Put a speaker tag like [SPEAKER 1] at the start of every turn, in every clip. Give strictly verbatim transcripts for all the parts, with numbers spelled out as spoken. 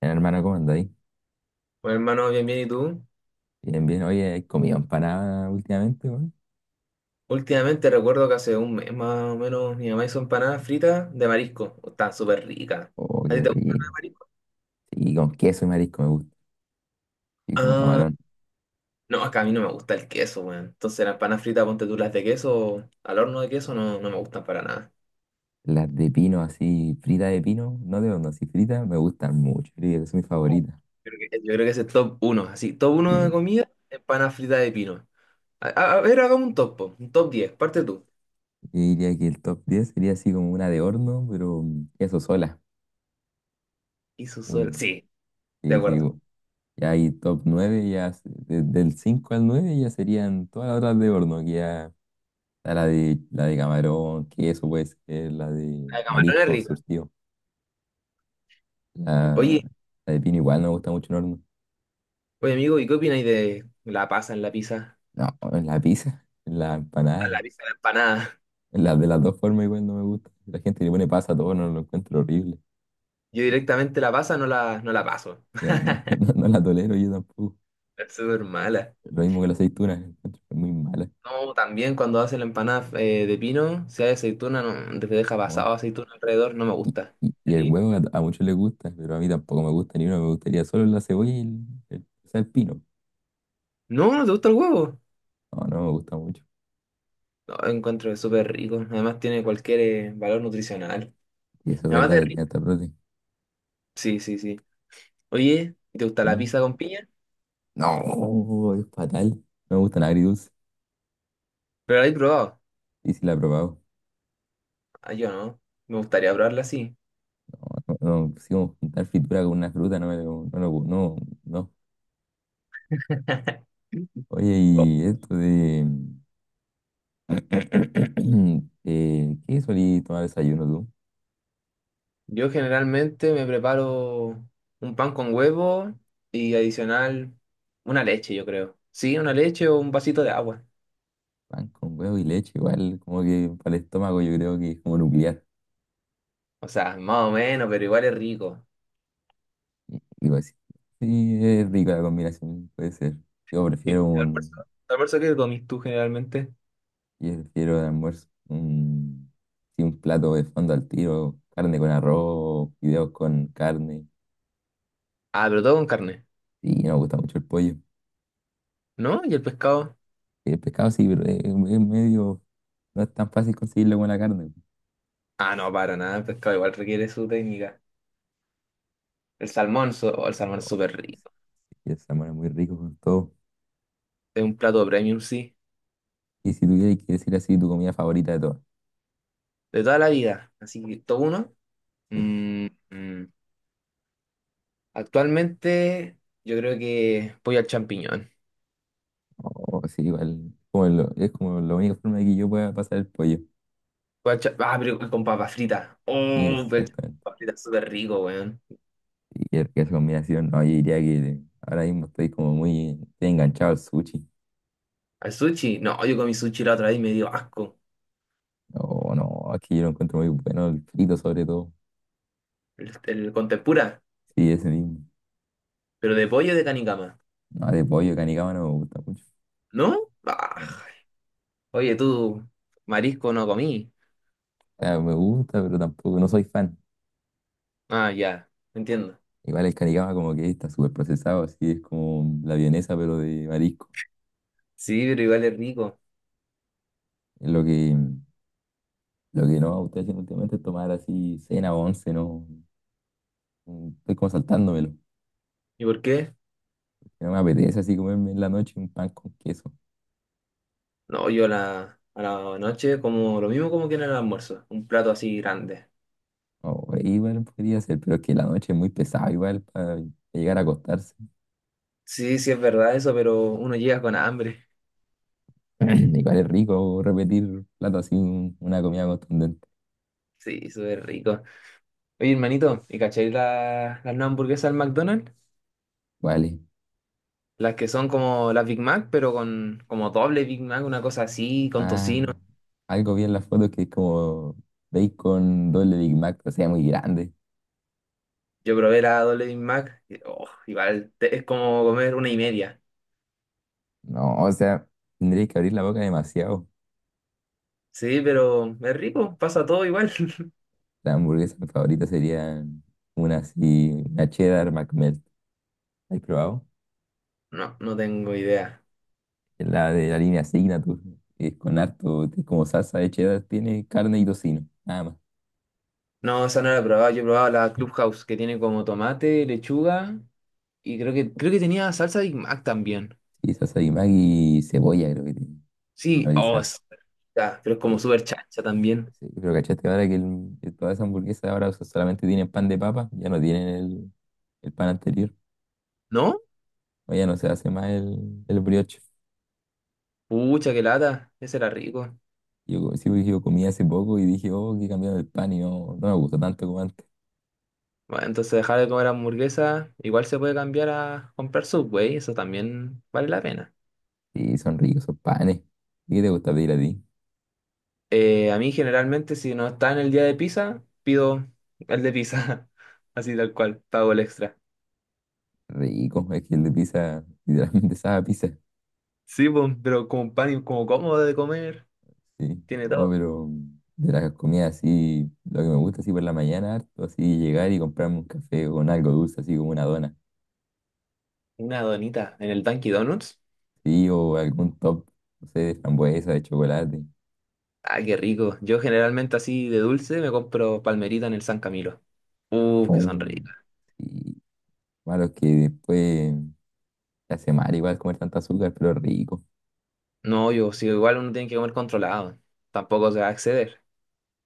[SPEAKER 1] Bien, hermano, ¿cómo andáis?
[SPEAKER 2] Bueno, hermano, bien, bien, ¿y tú?
[SPEAKER 1] Bien, bien. Oye, ¿has comido empanada últimamente, weón?
[SPEAKER 2] Últimamente recuerdo que hace un mes más o menos mi mamá hizo empanadas fritas de marisco. Están súper ricas.
[SPEAKER 1] Oh,
[SPEAKER 2] ¿A ti
[SPEAKER 1] qué
[SPEAKER 2] te gustan las de
[SPEAKER 1] rico.
[SPEAKER 2] marisco?
[SPEAKER 1] Y con queso y marisco me gusta. Y con
[SPEAKER 2] Ah,
[SPEAKER 1] camarón.
[SPEAKER 2] no, acá a mí no me gusta el queso, weón. Entonces las empanadas fritas, ponte tú las de queso, al horno de queso, no, no me gustan para nada.
[SPEAKER 1] Las de pino, así, frita de pino, no de horno, así frita, me gustan mucho. Yo Diría que son mis favoritas.
[SPEAKER 2] Creo que- yo creo que ese es top uno así, top uno de
[SPEAKER 1] Sí.
[SPEAKER 2] comida, empanadas fritas de pino. A, a- a ver, hagamos un top, po, un top diez parte tú.
[SPEAKER 1] Yo diría que el top diez sería así como una de horno, pero mm, queso sola.
[SPEAKER 2] Y su sol.
[SPEAKER 1] Un-
[SPEAKER 2] Sí, de
[SPEAKER 1] sí, sí.
[SPEAKER 2] acuerdo.
[SPEAKER 1] u- Ya hay top nueve ya s- de- del cinco al nueve ya serían todas las otras de horno, que ya está la de, la de camarón, queso, pues, la de
[SPEAKER 2] La de camarón es
[SPEAKER 1] marisco
[SPEAKER 2] rica.
[SPEAKER 1] surtido. La,
[SPEAKER 2] Oye,
[SPEAKER 1] la de pino igual no me gusta mucho en horno.
[SPEAKER 2] Oye amigo, ¿y qué opináis de la pasa en la pizza?
[SPEAKER 1] No, en la pizza, en la empanada,
[SPEAKER 2] La pizza en la empanada.
[SPEAKER 1] en la, de las dos formas igual no me gusta. La gente le pone pasa a todo, no lo encuentro horrible.
[SPEAKER 2] Yo directamente la pasa, no la, no la paso.
[SPEAKER 1] No, no, no- no la tolero yo tampoco.
[SPEAKER 2] Es súper mala.
[SPEAKER 1] Lo mismo que la aceituna, la encuentro muy mala.
[SPEAKER 2] No, también cuando hace la empanada eh, de pino, si hay aceituna, no, te deja
[SPEAKER 1] ¿No?
[SPEAKER 2] pasado aceituna alrededor, no me
[SPEAKER 1] Y,
[SPEAKER 2] gusta.
[SPEAKER 1] y-
[SPEAKER 2] ¿A
[SPEAKER 1] y el
[SPEAKER 2] ti?
[SPEAKER 1] huevo a, a muchos les gusta, pero a mí tampoco me gusta ni uno. Me gustaría solo la cebolla y el, el, o sea, el pino.
[SPEAKER 2] No, ¿no te gusta el huevo?
[SPEAKER 1] No, no me gusta mucho.
[SPEAKER 2] No, encuentro que es súper rico. Además tiene cualquier eh, valor nutricional.
[SPEAKER 1] Y eso es
[SPEAKER 2] Además
[SPEAKER 1] verdad
[SPEAKER 2] de
[SPEAKER 1] que tiene
[SPEAKER 2] rico.
[SPEAKER 1] hasta prote.
[SPEAKER 2] Sí, sí, sí. Oye, ¿te gusta la
[SPEAKER 1] ¿Mm?
[SPEAKER 2] pizza con piña?
[SPEAKER 1] No, es fatal. No me gusta nada agridulce.
[SPEAKER 2] Pero la he probado.
[SPEAKER 1] Y si la he probado.
[SPEAKER 2] Ah, yo no. Me gustaría probarla así.
[SPEAKER 1] No, no, sí, como juntar fritura con una fruta, no, me lo- no, lo- no, no. Oye, y esto de... eh, ¿qué solí tomar desayuno tú?
[SPEAKER 2] Yo generalmente me preparo un pan con huevo y adicional una leche, yo creo. Sí, una leche o un vasito de agua.
[SPEAKER 1] Pan con huevo y leche, igual, como que para el estómago yo creo que es como nuclear.
[SPEAKER 2] O sea, más o menos, pero igual es rico.
[SPEAKER 1] Y, y pues, sí, es rica la combinación, puede ser. Yo
[SPEAKER 2] ¿Y
[SPEAKER 1] prefiero
[SPEAKER 2] ¿Tu almuerzo?
[SPEAKER 1] un...
[SPEAKER 2] ¿Tu almuerzo qué comís tú generalmente?
[SPEAKER 1] Yo prefiero de almuerzo un... Sí, un plato de fondo al tiro, carne con arroz, fideos con carne.
[SPEAKER 2] Ah, pero todo con carne.
[SPEAKER 1] Sí, no me gusta mucho el pollo.
[SPEAKER 2] ¿No? ¿Y el pescado?
[SPEAKER 1] El pescado sí, pero es, es medio. No es tan fácil conseguirlo con la carne.
[SPEAKER 2] Ah, no, para nada. El pescado igual requiere su técnica. El salmón, so- oh, el salmón es súper rico.
[SPEAKER 1] Y el salmón es muy rico con todo.
[SPEAKER 2] Es un plato premium, sí.
[SPEAKER 1] Y si tuvieras que decir así tu comida favorita de todas,
[SPEAKER 2] De toda la vida. Así que, ¿todo uno?
[SPEAKER 1] ¿sí?
[SPEAKER 2] Mm, mm. Actualmente, yo creo que pollo al champiñón.
[SPEAKER 1] Oh, sí, igual. Como lo- es como la única forma de que yo pueda pasar el pollo.
[SPEAKER 2] Guacha- Ah, pero con papas fritas.
[SPEAKER 1] Sí,
[SPEAKER 2] Oh, pero
[SPEAKER 1] exactamente.
[SPEAKER 2] papas fritas súper rico, weón.
[SPEAKER 1] Y el- que esa combinación, no, yo diría que ahora mismo estoy como muy estoy enganchado al sushi.
[SPEAKER 2] ¿Al sushi? No, yo comí sushi la otra vez y me dio asco.
[SPEAKER 1] No, no, aquí yo lo encuentro muy bueno, el frito sobre todo.
[SPEAKER 2] El, el con tempura,
[SPEAKER 1] Sí, ese mismo.
[SPEAKER 2] pero de pollo de canicama.
[SPEAKER 1] No, de pollo canicaba no me gusta mucho.
[SPEAKER 2] ¿No? Ah,
[SPEAKER 1] No.
[SPEAKER 2] oye, tú, marisco no comí.
[SPEAKER 1] O sea, me gusta, pero tampoco, no soy fan.
[SPEAKER 2] Ah, ya, entiendo.
[SPEAKER 1] Igual el caricama como que está súper procesado, así es como la vienesa pero de marisco.
[SPEAKER 2] Sí, pero igual es rico.
[SPEAKER 1] Es lo que, lo que no estoy haciendo últimamente es tomar así cena o once, no. Mm, Estoy como saltándomelo.
[SPEAKER 2] ¿Y por qué?
[SPEAKER 1] No me apetece así comerme en la noche un pan con queso.
[SPEAKER 2] No, yo a la, a la noche como lo mismo como que en el almuerzo. Un plato así grande.
[SPEAKER 1] O igual podría ser, pero es que la noche es muy pesada igual para llegar a acostarse.
[SPEAKER 2] Sí, sí es verdad eso, pero uno llega con hambre.
[SPEAKER 1] Igual es rico repetir plato así, un- una comida contundente.
[SPEAKER 2] Sí, súper rico. Oye, hermanito, ¿y cacháis la- las nuevas hamburguesas del McDonald's?
[SPEAKER 1] Vale.
[SPEAKER 2] Las que son como las Big Mac, pero con como doble Big Mac, una cosa así, con
[SPEAKER 1] Ah,
[SPEAKER 2] tocino.
[SPEAKER 1] algo vi en las fotos que es como bacon doble Big Mac, o sea, muy grande.
[SPEAKER 2] Yo probé la doble Big Mac, y, oh, igual, te- es como comer una y media.
[SPEAKER 1] No, o sea, tendrías que abrir la boca demasiado.
[SPEAKER 2] Sí, pero es rico, pasa todo igual.
[SPEAKER 1] La hamburguesa favorita sería una así, una cheddar McMelt. ¿La ¿Has probado?
[SPEAKER 2] No, no tengo idea.
[SPEAKER 1] La de la línea Signature, que es con harto, es como salsa de cheddar, tiene carne y tocino, nada más.
[SPEAKER 2] No, esa no la he probado, yo he probado la Clubhouse, que tiene como tomate, lechuga, y creo que, creo que tenía salsa Big Mac también.
[SPEAKER 1] Y salsa de Maggi y cebolla, creo que tiene. Una
[SPEAKER 2] Sí, oh,
[SPEAKER 1] brisa.
[SPEAKER 2] es rica, pero es
[SPEAKER 1] Eh,
[SPEAKER 2] como súper chancha también.
[SPEAKER 1] sí, pero cachaste ahora que, el- que todas esas hamburguesas ahora so- solamente tienen pan de papa, ya no tienen el, el pan anterior.
[SPEAKER 2] ¿No?
[SPEAKER 1] O ya no se hace más el, el brioche.
[SPEAKER 2] Pucha, qué lata, ese era rico.
[SPEAKER 1] Yo, sí, porque yo comí hace poco y dije, oh, que he cambiado el pan y no, no me gusta tanto como antes.
[SPEAKER 2] Bueno, entonces dejar de comer hamburguesa, igual se puede cambiar a comprar Subway, eso también vale la pena.
[SPEAKER 1] Sí, son ricos esos panes. ¿Y qué te gusta pedir a ti?
[SPEAKER 2] Eh, a mí generalmente si no está en el día de pizza, pido el de pizza, así tal cual, pago el extra.
[SPEAKER 1] Rico, es que el de pizza, literalmente sabe a pizza.
[SPEAKER 2] Sí, pues, pero como pan y como cómodo de comer,
[SPEAKER 1] Sí,
[SPEAKER 2] tiene
[SPEAKER 1] oh,
[SPEAKER 2] todo.
[SPEAKER 1] pero de las comidas así, lo que me gusta así por la mañana, harto, así llegar y comprarme un café con algo dulce, así como una dona.
[SPEAKER 2] Una donita en el Dunkin' Donuts,
[SPEAKER 1] Sí, o algún top, no sé, de frambuesa, de chocolate.
[SPEAKER 2] ah, qué rico. Yo generalmente así de dulce me compro palmerita en el San Camilo. Uh, que
[SPEAKER 1] Oh.
[SPEAKER 2] son ricas.
[SPEAKER 1] Sí, malo es que después te hace mal igual comer tanta azúcar, pero rico.
[SPEAKER 2] No, yo, si igual uno tiene que comer controlado, tampoco se va a exceder.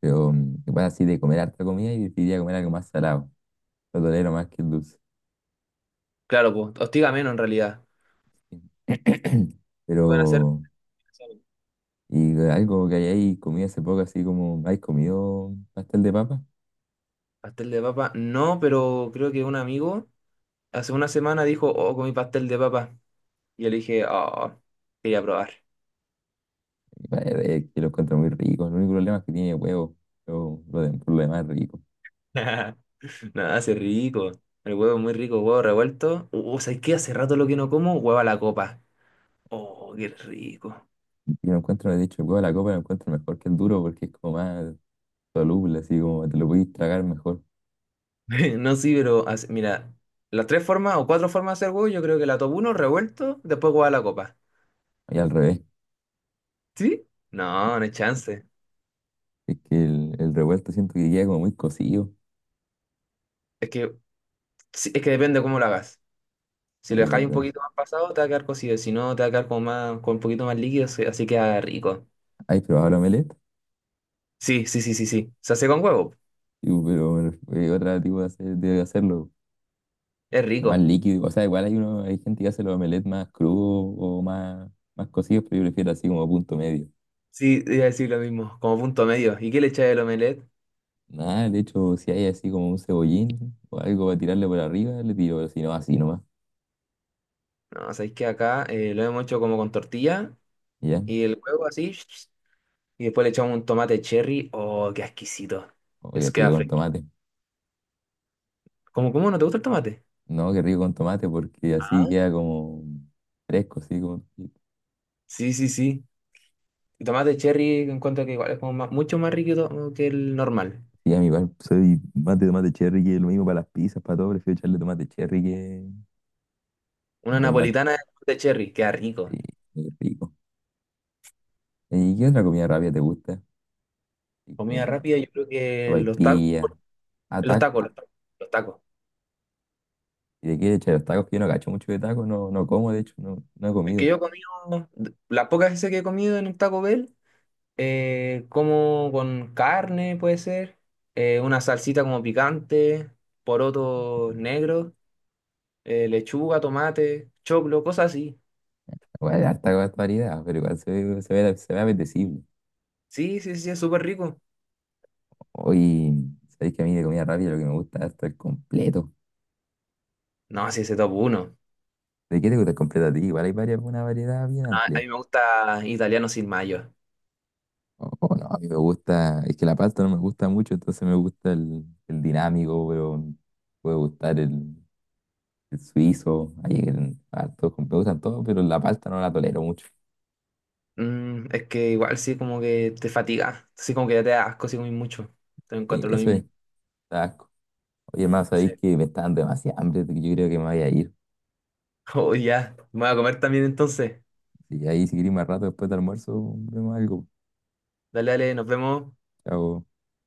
[SPEAKER 1] Pero mm, igual así de comer harta comida y decidiría comer algo más salado. Lo tolero más que el dulce.
[SPEAKER 2] Claro, pues, hostiga menos en realidad.
[SPEAKER 1] Pero,
[SPEAKER 2] ¿Te van a hacer?
[SPEAKER 1] y algo que hayáis comido hace poco, así como, ¿habéis comido pastel de papa?
[SPEAKER 2] Pastel de papa, no, pero creo que un amigo hace una semana dijo, oh, comí pastel de papa. Y yo le dije, oh, quería probar.
[SPEAKER 1] Eh, eh, que lo encuentro muy rico. El único problema es que tiene huevo. Pero lo de, por lo demás es rico.
[SPEAKER 2] Nada, hace rico. El huevo es muy rico, huevo revuelto. Uh, ¿sabes qué? Hace rato lo que no como, huevo a la copa. Oh, qué rico.
[SPEAKER 1] Y lo encuentro, me he dicho el huevo de la copa lo encuentro mejor que el duro porque es como más soluble, así como te lo podéis tragar mejor.
[SPEAKER 2] No, sí, pero hace- mira, las tres formas o cuatro formas de hacer huevo, yo creo que la top uno, revuelto, después huevo a la copa.
[SPEAKER 1] Y al revés,
[SPEAKER 2] ¿Sí? No, no hay chance.
[SPEAKER 1] es que el, el revuelto siento que queda como muy cocido.
[SPEAKER 2] Es que, sí, es que depende cómo lo hagas. Si lo
[SPEAKER 1] Es
[SPEAKER 2] dejáis un
[SPEAKER 1] verdad.
[SPEAKER 2] poquito más pasado, te va a quedar cocido. Si no, te va a quedar como más, con un poquito más líquido, se- así queda rico.
[SPEAKER 1] ¿Has probado el omelette?
[SPEAKER 2] Sí, sí, sí, sí, sí. Se hace con huevo.
[SPEAKER 1] Y, pero bueno, eh, otra tipo de, hacer- de hacerlo
[SPEAKER 2] Es
[SPEAKER 1] más
[SPEAKER 2] rico.
[SPEAKER 1] líquido. O sea, igual hay uno, hay gente que hace los omelets más crudos o más, más cocidos, pero yo prefiero así como punto medio.
[SPEAKER 2] Sí, iba a decir lo mismo, como punto medio. ¿Y qué le echáis al omelette?
[SPEAKER 1] Nada, de hecho, si hay así como un cebollín o algo para tirarle por arriba, le tiro, pero si no, así nomás.
[SPEAKER 2] No, sabéis que acá eh, lo hemos hecho como con tortilla
[SPEAKER 1] Y ¿ya?
[SPEAKER 2] y el huevo así. Y después le echamos un tomate cherry. Oh, qué exquisito.
[SPEAKER 1] O qué
[SPEAKER 2] Eso queda
[SPEAKER 1] rico con
[SPEAKER 2] fresco.
[SPEAKER 1] tomate.
[SPEAKER 2] ¿Cómo, cómo no te gusta el tomate?
[SPEAKER 1] No, que rico con tomate porque así
[SPEAKER 2] Ah.
[SPEAKER 1] queda como fresco, así como...
[SPEAKER 2] Sí, sí, sí. El tomate cherry encuentro que igual es como más- mucho más rico que el normal.
[SPEAKER 1] Sí, a mí igual soy más de tomate cherry que lo mismo para las pizzas, para todo, prefiero echarle tomate cherry que
[SPEAKER 2] Una
[SPEAKER 1] normal.
[SPEAKER 2] napolitana de tomate cherry, queda rico.
[SPEAKER 1] Sí, muy rico. ¿Y qué otra comida rápida te gusta? Y
[SPEAKER 2] Comida
[SPEAKER 1] con
[SPEAKER 2] rápida, yo creo que los tacos,
[SPEAKER 1] sopaipilla, ah,
[SPEAKER 2] los
[SPEAKER 1] tacos.
[SPEAKER 2] tacos, los tacos, los tacos.
[SPEAKER 1] ¿Y de qué? Che, los tacos que yo no cacho mucho de tacos, no, no como, de hecho, no, no he
[SPEAKER 2] Es que
[SPEAKER 1] comido.
[SPEAKER 2] yo he comido, las pocas veces que he comido en un Taco Bell, eh, como con carne, puede ser, eh, una salsita como picante, porotos negros, eh, lechuga, tomate, choclo, cosas así.
[SPEAKER 1] Bueno, hay harta va- variedad, pero igual se ve, se ve, se ve apetecible.
[SPEAKER 2] Sí, sí, sí, es súper rico.
[SPEAKER 1] Hoy, sabéis que a mí de comida rápida lo que me gusta es el completo.
[SPEAKER 2] No, sí, ese top uno.
[SPEAKER 1] ¿De qué te gusta el completo a ti? Igual hay varias, una variedad bien
[SPEAKER 2] A, a
[SPEAKER 1] amplia.
[SPEAKER 2] mí me gusta italiano sin mayo.
[SPEAKER 1] Oh, oh, no, a mí me gusta, es que la pasta no me gusta mucho, entonces me gusta el, el dinámico, pero me puede gustar el, el suizo, hay el- hartos, me gustan todos, pero la pasta no la tolero mucho.
[SPEAKER 2] Mm, es que igual sí, como que te fatiga, sí, como que ya te da asco si comes mucho. Te encuentro
[SPEAKER 1] Y
[SPEAKER 2] lo
[SPEAKER 1] eso es.
[SPEAKER 2] mismo.
[SPEAKER 1] Taco. Oye, más
[SPEAKER 2] Sí.
[SPEAKER 1] sabéis que me están demasiado hambre, yo creo que me voy a ir.
[SPEAKER 2] Oh, ya. Me voy a comer también entonces.
[SPEAKER 1] Y ahí si queréis más rato después del almuerzo, vemos algo.
[SPEAKER 2] Dale, dale, nos vemos.
[SPEAKER 1] Chao.